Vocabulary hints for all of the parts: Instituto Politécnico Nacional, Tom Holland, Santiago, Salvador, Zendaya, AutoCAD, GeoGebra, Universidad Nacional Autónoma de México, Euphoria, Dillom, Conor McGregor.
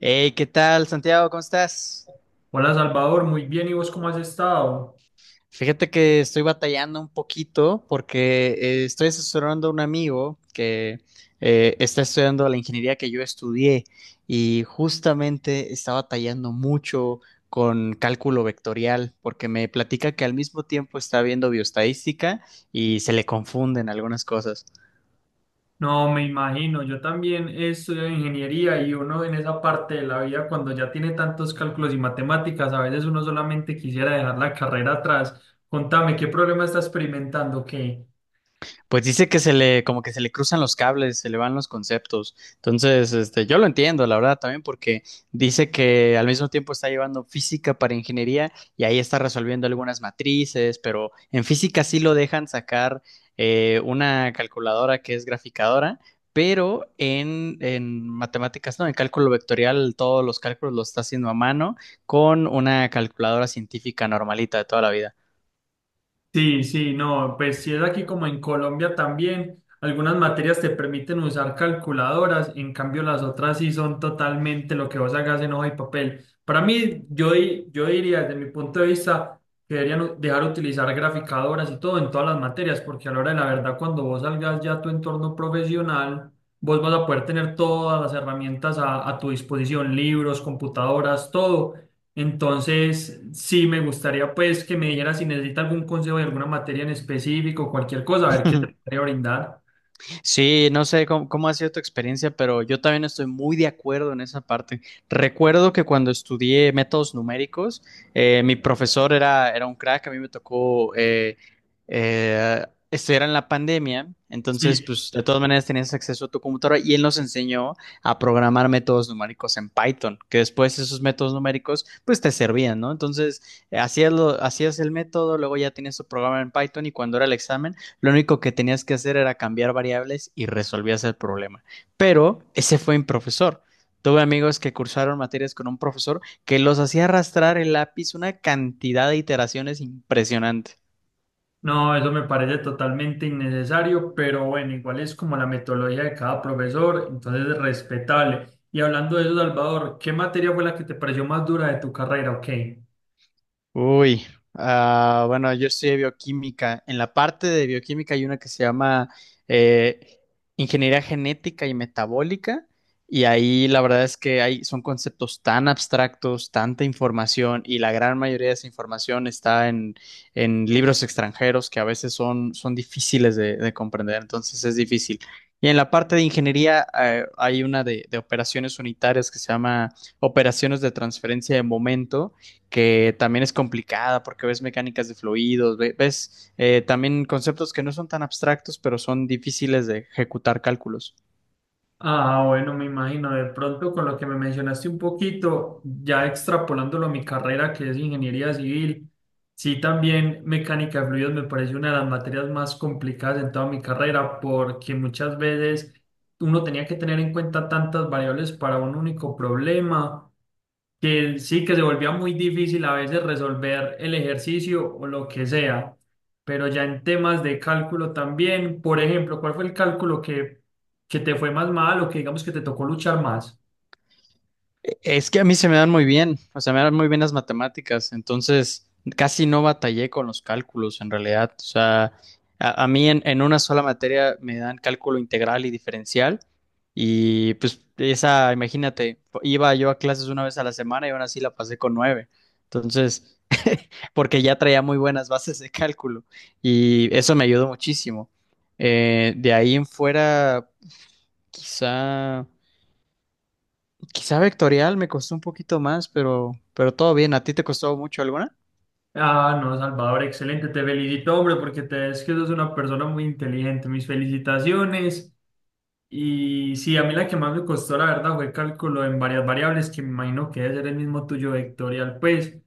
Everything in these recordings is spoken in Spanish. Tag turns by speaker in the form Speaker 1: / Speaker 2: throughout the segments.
Speaker 1: Hey, ¿qué tal, Santiago? ¿Cómo estás?
Speaker 2: Hola Salvador, muy bien, ¿y vos cómo has estado?
Speaker 1: Fíjate que estoy batallando un poquito porque estoy asesorando a un amigo que está estudiando la ingeniería que yo estudié y justamente está batallando mucho con cálculo vectorial porque me platica que al mismo tiempo está viendo bioestadística y se le confunden algunas cosas.
Speaker 2: No, me imagino, yo también he estudiado ingeniería y uno en esa parte de la vida cuando ya tiene tantos cálculos y matemáticas, a veces uno solamente quisiera dejar la carrera atrás. Contame, ¿qué problema está experimentando? ¿Qué?
Speaker 1: Pues dice que se le, como que se le cruzan los cables, se le van los conceptos. Entonces, este, yo lo entiendo, la verdad, también porque dice que al mismo tiempo está llevando física para ingeniería y ahí está resolviendo algunas matrices, pero en física sí lo dejan sacar una calculadora que es graficadora, pero en matemáticas, no, en cálculo vectorial, todos los cálculos los está haciendo a mano con una calculadora científica normalita de toda la vida.
Speaker 2: Sí, sí, no, pues si es aquí como en Colombia también, algunas materias te permiten usar calculadoras, en cambio las otras sí son totalmente lo que vos hagas en hoja y papel. Para mí, yo, yo diría desde mi punto de vista que deberían dejar utilizar graficadoras y todo en todas las materias, porque a la hora de la verdad, cuando vos salgas ya a tu entorno profesional, vos vas a poder tener todas las herramientas a tu disposición, libros, computadoras, todo. Entonces, sí, me gustaría pues que me dijera si necesita algún consejo de alguna materia en específico, cualquier cosa, a ver qué te podría brindar.
Speaker 1: Sí, no sé cómo ha sido tu experiencia, pero yo también estoy muy de acuerdo en esa parte. Recuerdo que cuando estudié métodos numéricos, mi profesor era un crack. A mí me tocó eh, estudiar en la pandemia, entonces
Speaker 2: Sí,
Speaker 1: pues de todas maneras tenías acceso a tu computadora y él nos enseñó a programar métodos numéricos en Python, que después esos métodos numéricos pues te servían, ¿no? Entonces hacías, hacías el método, luego ya tenías tu programa en Python y cuando era el examen lo único que tenías que hacer era cambiar variables y resolvías el problema. Pero ese fue mi profesor. Tuve amigos que cursaron materias con un profesor que los hacía arrastrar el lápiz una cantidad de iteraciones impresionante.
Speaker 2: no, eso me parece totalmente innecesario, pero bueno, igual es como la metodología de cada profesor, entonces es respetable. Y hablando de eso, Salvador, ¿qué materia fue la que te pareció más dura de tu carrera? Ok.
Speaker 1: Uy, ah, bueno, yo estudié bioquímica. En la parte de bioquímica hay una que se llama eh, ingeniería genética y metabólica, y ahí la verdad es que hay, son conceptos tan abstractos, tanta información, y la gran mayoría de esa información está en libros extranjeros que a veces son difíciles de comprender, entonces es difícil. Y en la parte de ingeniería hay una de operaciones unitarias que se llama operaciones de transferencia de momento que también es complicada porque ves mecánicas de fluidos, ves también conceptos que no son tan abstractos, pero son difíciles de ejecutar cálculos.
Speaker 2: Ah, bueno, me imagino, de pronto con lo que me mencionaste un poquito, ya extrapolándolo a mi carrera que es ingeniería civil, sí, también mecánica de fluidos me parece una de las materias más complicadas en toda mi carrera porque muchas veces uno tenía que tener en cuenta tantas variables para un único problema, que sí, que se volvía muy difícil a veces resolver el ejercicio o lo que sea, pero ya en temas de cálculo también, por ejemplo, ¿cuál fue el cálculo que te fue más mal o que digamos que te tocó luchar más?
Speaker 1: Es que a mí se me dan muy bien, o sea, me dan muy bien las matemáticas, entonces casi no batallé con los cálculos en realidad, o sea, a mí en una sola materia me dan cálculo integral y diferencial y pues esa, imagínate, iba yo a clases una vez a la semana y aún así la pasé con nueve, entonces, porque ya traía muy buenas bases de cálculo y eso me ayudó muchísimo. De ahí en fuera, quizá... Quizá vectorial me costó un poquito más, pero todo bien. ¿A ti te costó mucho alguna?
Speaker 2: Ah, no, Salvador, excelente, te felicito, hombre, porque te es que sos una persona muy inteligente, mis felicitaciones. Y sí, a mí la que más me costó, la verdad, fue cálculo en varias variables, que me imagino que debe ser el mismo tuyo vectorial, pues.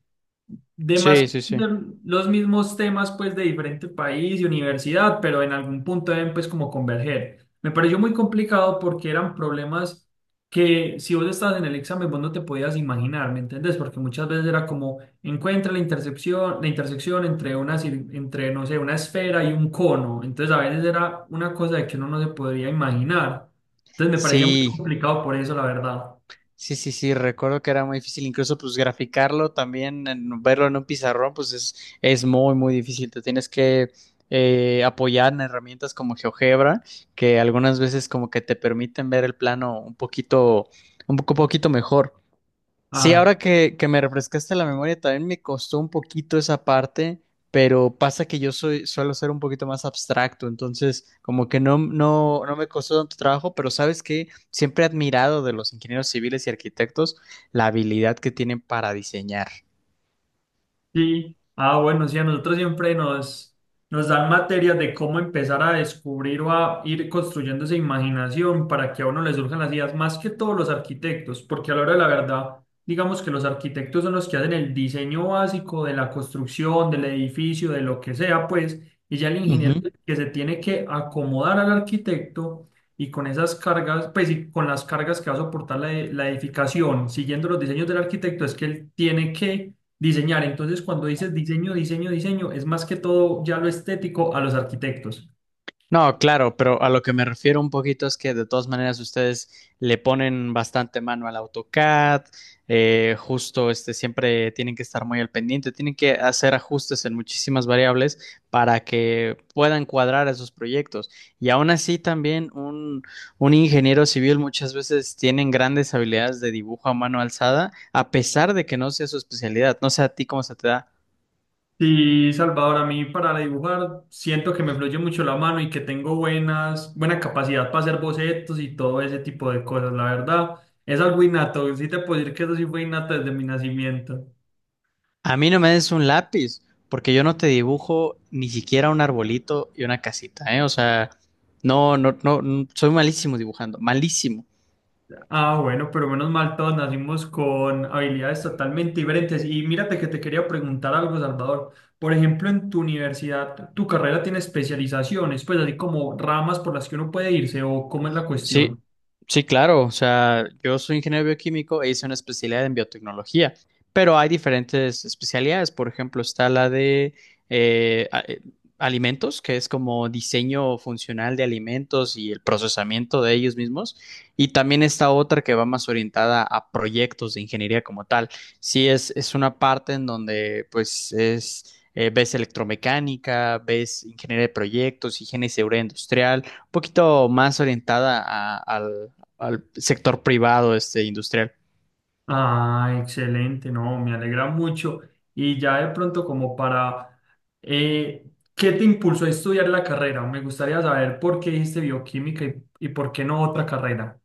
Speaker 2: Demás
Speaker 1: Sí, sí, sí.
Speaker 2: de los mismos temas pues de diferente país y universidad, pero en algún punto deben pues como converger. Me pareció muy complicado porque eran problemas que si vos estabas en el examen vos no te podías imaginar, ¿me entendés? Porque muchas veces era como encuentra la intersección entre una entre no sé, una esfera y un cono. Entonces a veces era una cosa de que uno no se podría imaginar. Entonces me parecía muy
Speaker 1: Sí,
Speaker 2: complicado por eso, la verdad.
Speaker 1: sí, sí, sí, recuerdo que era muy difícil, incluso pues graficarlo también, verlo en un pizarrón, pues es muy, muy difícil, te tienes que apoyar en herramientas como GeoGebra, que algunas veces como que te permiten ver el plano un poquito, un poco, poquito mejor. Sí,
Speaker 2: Ah,
Speaker 1: ahora que me refrescaste la memoria, también me costó un poquito esa parte, pero pasa que yo soy, suelo ser un poquito más abstracto, entonces como que no, no, no me costó tanto trabajo, pero sabes que siempre he admirado de los ingenieros civiles y arquitectos la habilidad que tienen para diseñar.
Speaker 2: sí, ah, bueno, sí, a nosotros siempre nos, nos dan materias de cómo empezar a descubrir o a ir construyendo esa imaginación para que a uno le surjan las ideas, más que todos los arquitectos, porque a la hora de la verdad, digamos que los arquitectos son los que hacen el diseño básico de la construcción, del edificio, de lo que sea, pues, y ya el ingeniero es el que se tiene que acomodar al arquitecto y con esas cargas, pues, y con las cargas que va a soportar la, la edificación, siguiendo los diseños del arquitecto, es que él tiene que diseñar. Entonces cuando dices diseño, diseño, diseño, es más que todo ya lo estético a los arquitectos.
Speaker 1: No, claro, pero a lo que me refiero un poquito es que de todas maneras ustedes le ponen bastante mano al AutoCAD, justo este siempre tienen que estar muy al pendiente, tienen que hacer ajustes en muchísimas variables para que puedan cuadrar esos proyectos. Y aún así también un ingeniero civil muchas veces tienen grandes habilidades de dibujo a mano alzada, a pesar de que no sea su especialidad. No sé a ti cómo se te da.
Speaker 2: Sí, Salvador, a mí para dibujar siento que me fluye mucho la mano y que tengo buenas, buena capacidad para hacer bocetos y todo ese tipo de cosas, la verdad. Es algo innato, sí te puedo decir que eso sí fue innato desde mi nacimiento.
Speaker 1: A mí no me des un lápiz, porque yo no te dibujo ni siquiera un arbolito y una casita, ¿eh? O sea, no, no, no, no, soy malísimo dibujando, malísimo.
Speaker 2: Ah, bueno, pero menos mal, todos nacimos con habilidades totalmente diferentes. Y mírate que te quería preguntar algo, Salvador. Por ejemplo, en tu universidad, ¿tu carrera tiene especializaciones, pues así como ramas por las que uno puede irse o cómo es la
Speaker 1: Sí,
Speaker 2: cuestión?
Speaker 1: sí, claro. O sea, yo soy ingeniero bioquímico e hice una especialidad en biotecnología, pero hay diferentes especialidades. Por ejemplo, está la de eh, a- eh, alimentos, que es como diseño funcional de alimentos y el procesamiento de ellos mismos. Y también está otra que va más orientada a proyectos de ingeniería como tal. Sí, es una parte en donde pues es... ves electromecánica, ves ingeniería de proyectos, higiene y seguridad industrial, poquito más orientada al, al sector privado, este, industrial.
Speaker 2: Ah, excelente, no, me alegra mucho. Y ya de pronto como para, ¿qué te impulsó a estudiar la carrera? Me gustaría saber por qué dijiste bioquímica y por qué no otra carrera.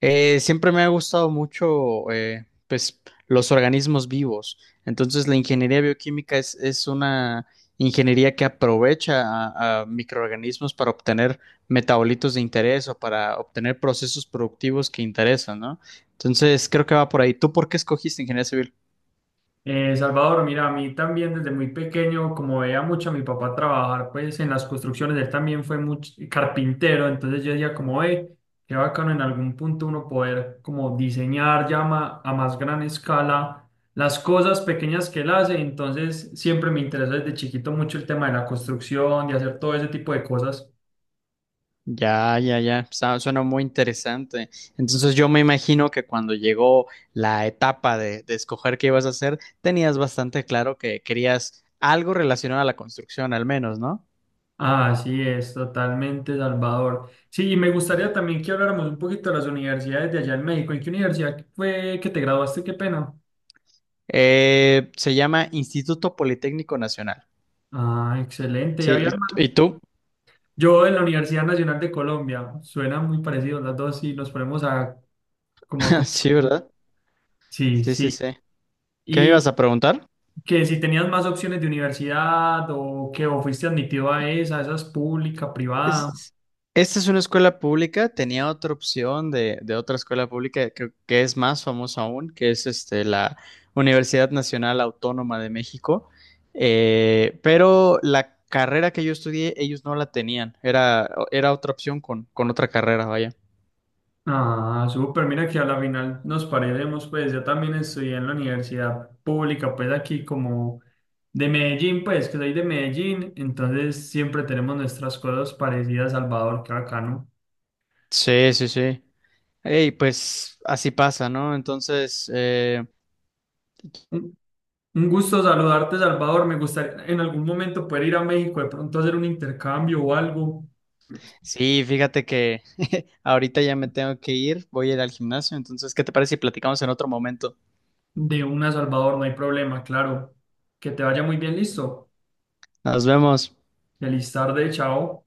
Speaker 1: Siempre me ha gustado mucho, pues, los organismos vivos. Entonces, la ingeniería bioquímica es una ingeniería que aprovecha a microorganismos para obtener metabolitos de interés o para obtener procesos productivos que interesan, ¿no? Entonces, creo que va por ahí. ¿Tú por qué escogiste ingeniería civil?
Speaker 2: Salvador, mira, a mí también desde muy pequeño, como veía mucho a mi papá trabajar, pues en las construcciones, él también fue mucho carpintero, entonces yo decía como, qué bacano en algún punto uno poder como diseñar ya a más gran escala las cosas pequeñas que él hace, entonces siempre me interesó desde chiquito mucho el tema de la construcción, de hacer todo ese tipo de cosas.
Speaker 1: Ya, ya, ya. Suena muy interesante. Entonces yo me imagino que cuando llegó la etapa de escoger qué ibas a hacer, tenías bastante claro que querías algo relacionado a la construcción, al menos, ¿no?
Speaker 2: Así es, totalmente, Salvador. Sí, y me gustaría también que habláramos un poquito de las universidades de allá en México. ¿En qué universidad fue que te graduaste? Qué pena.
Speaker 1: Se llama Instituto Politécnico Nacional.
Speaker 2: Ah, excelente. Y había
Speaker 1: Sí, ¿
Speaker 2: más.
Speaker 1: y tú?
Speaker 2: Yo en la Universidad Nacional de Colombia, suena muy parecido las dos y nos ponemos a como a
Speaker 1: Sí,
Speaker 2: comparar.
Speaker 1: ¿verdad?
Speaker 2: Sí,
Speaker 1: Sí, sí,
Speaker 2: sí.
Speaker 1: sí. ¿Qué me
Speaker 2: Y
Speaker 1: ibas a preguntar?
Speaker 2: que si tenías más opciones de universidad o que o fuiste admitido a esa, esa es pública, privada.
Speaker 1: Es- Esta es una escuela pública, tenía otra opción de otra escuela pública que es más famosa aún, que es este, la Universidad Nacional Autónoma de México. Pero la carrera que yo estudié, ellos no la tenían, era otra opción con otra carrera, vaya.
Speaker 2: Ah, súper, mira que a la final nos parecemos, pues yo también estudié en la universidad pública, pues aquí como de Medellín, pues que soy de Medellín, entonces siempre tenemos nuestras cosas parecidas, Salvador, qué bacano.
Speaker 1: Sí, sí, sí. Y pues así pasa, ¿no? Entonces,
Speaker 2: Un un gusto saludarte, Salvador. Me gustaría en algún momento poder ir a México, de pronto hacer un intercambio o algo.
Speaker 1: sí, fíjate que ahorita ya me tengo que ir, voy a ir al gimnasio, entonces, ¿qué te parece si platicamos en otro momento?
Speaker 2: De una, Salvador. No hay problema, claro. Que te vaya muy bien, listo.
Speaker 1: Nos vemos.
Speaker 2: Feliz tarde, chao.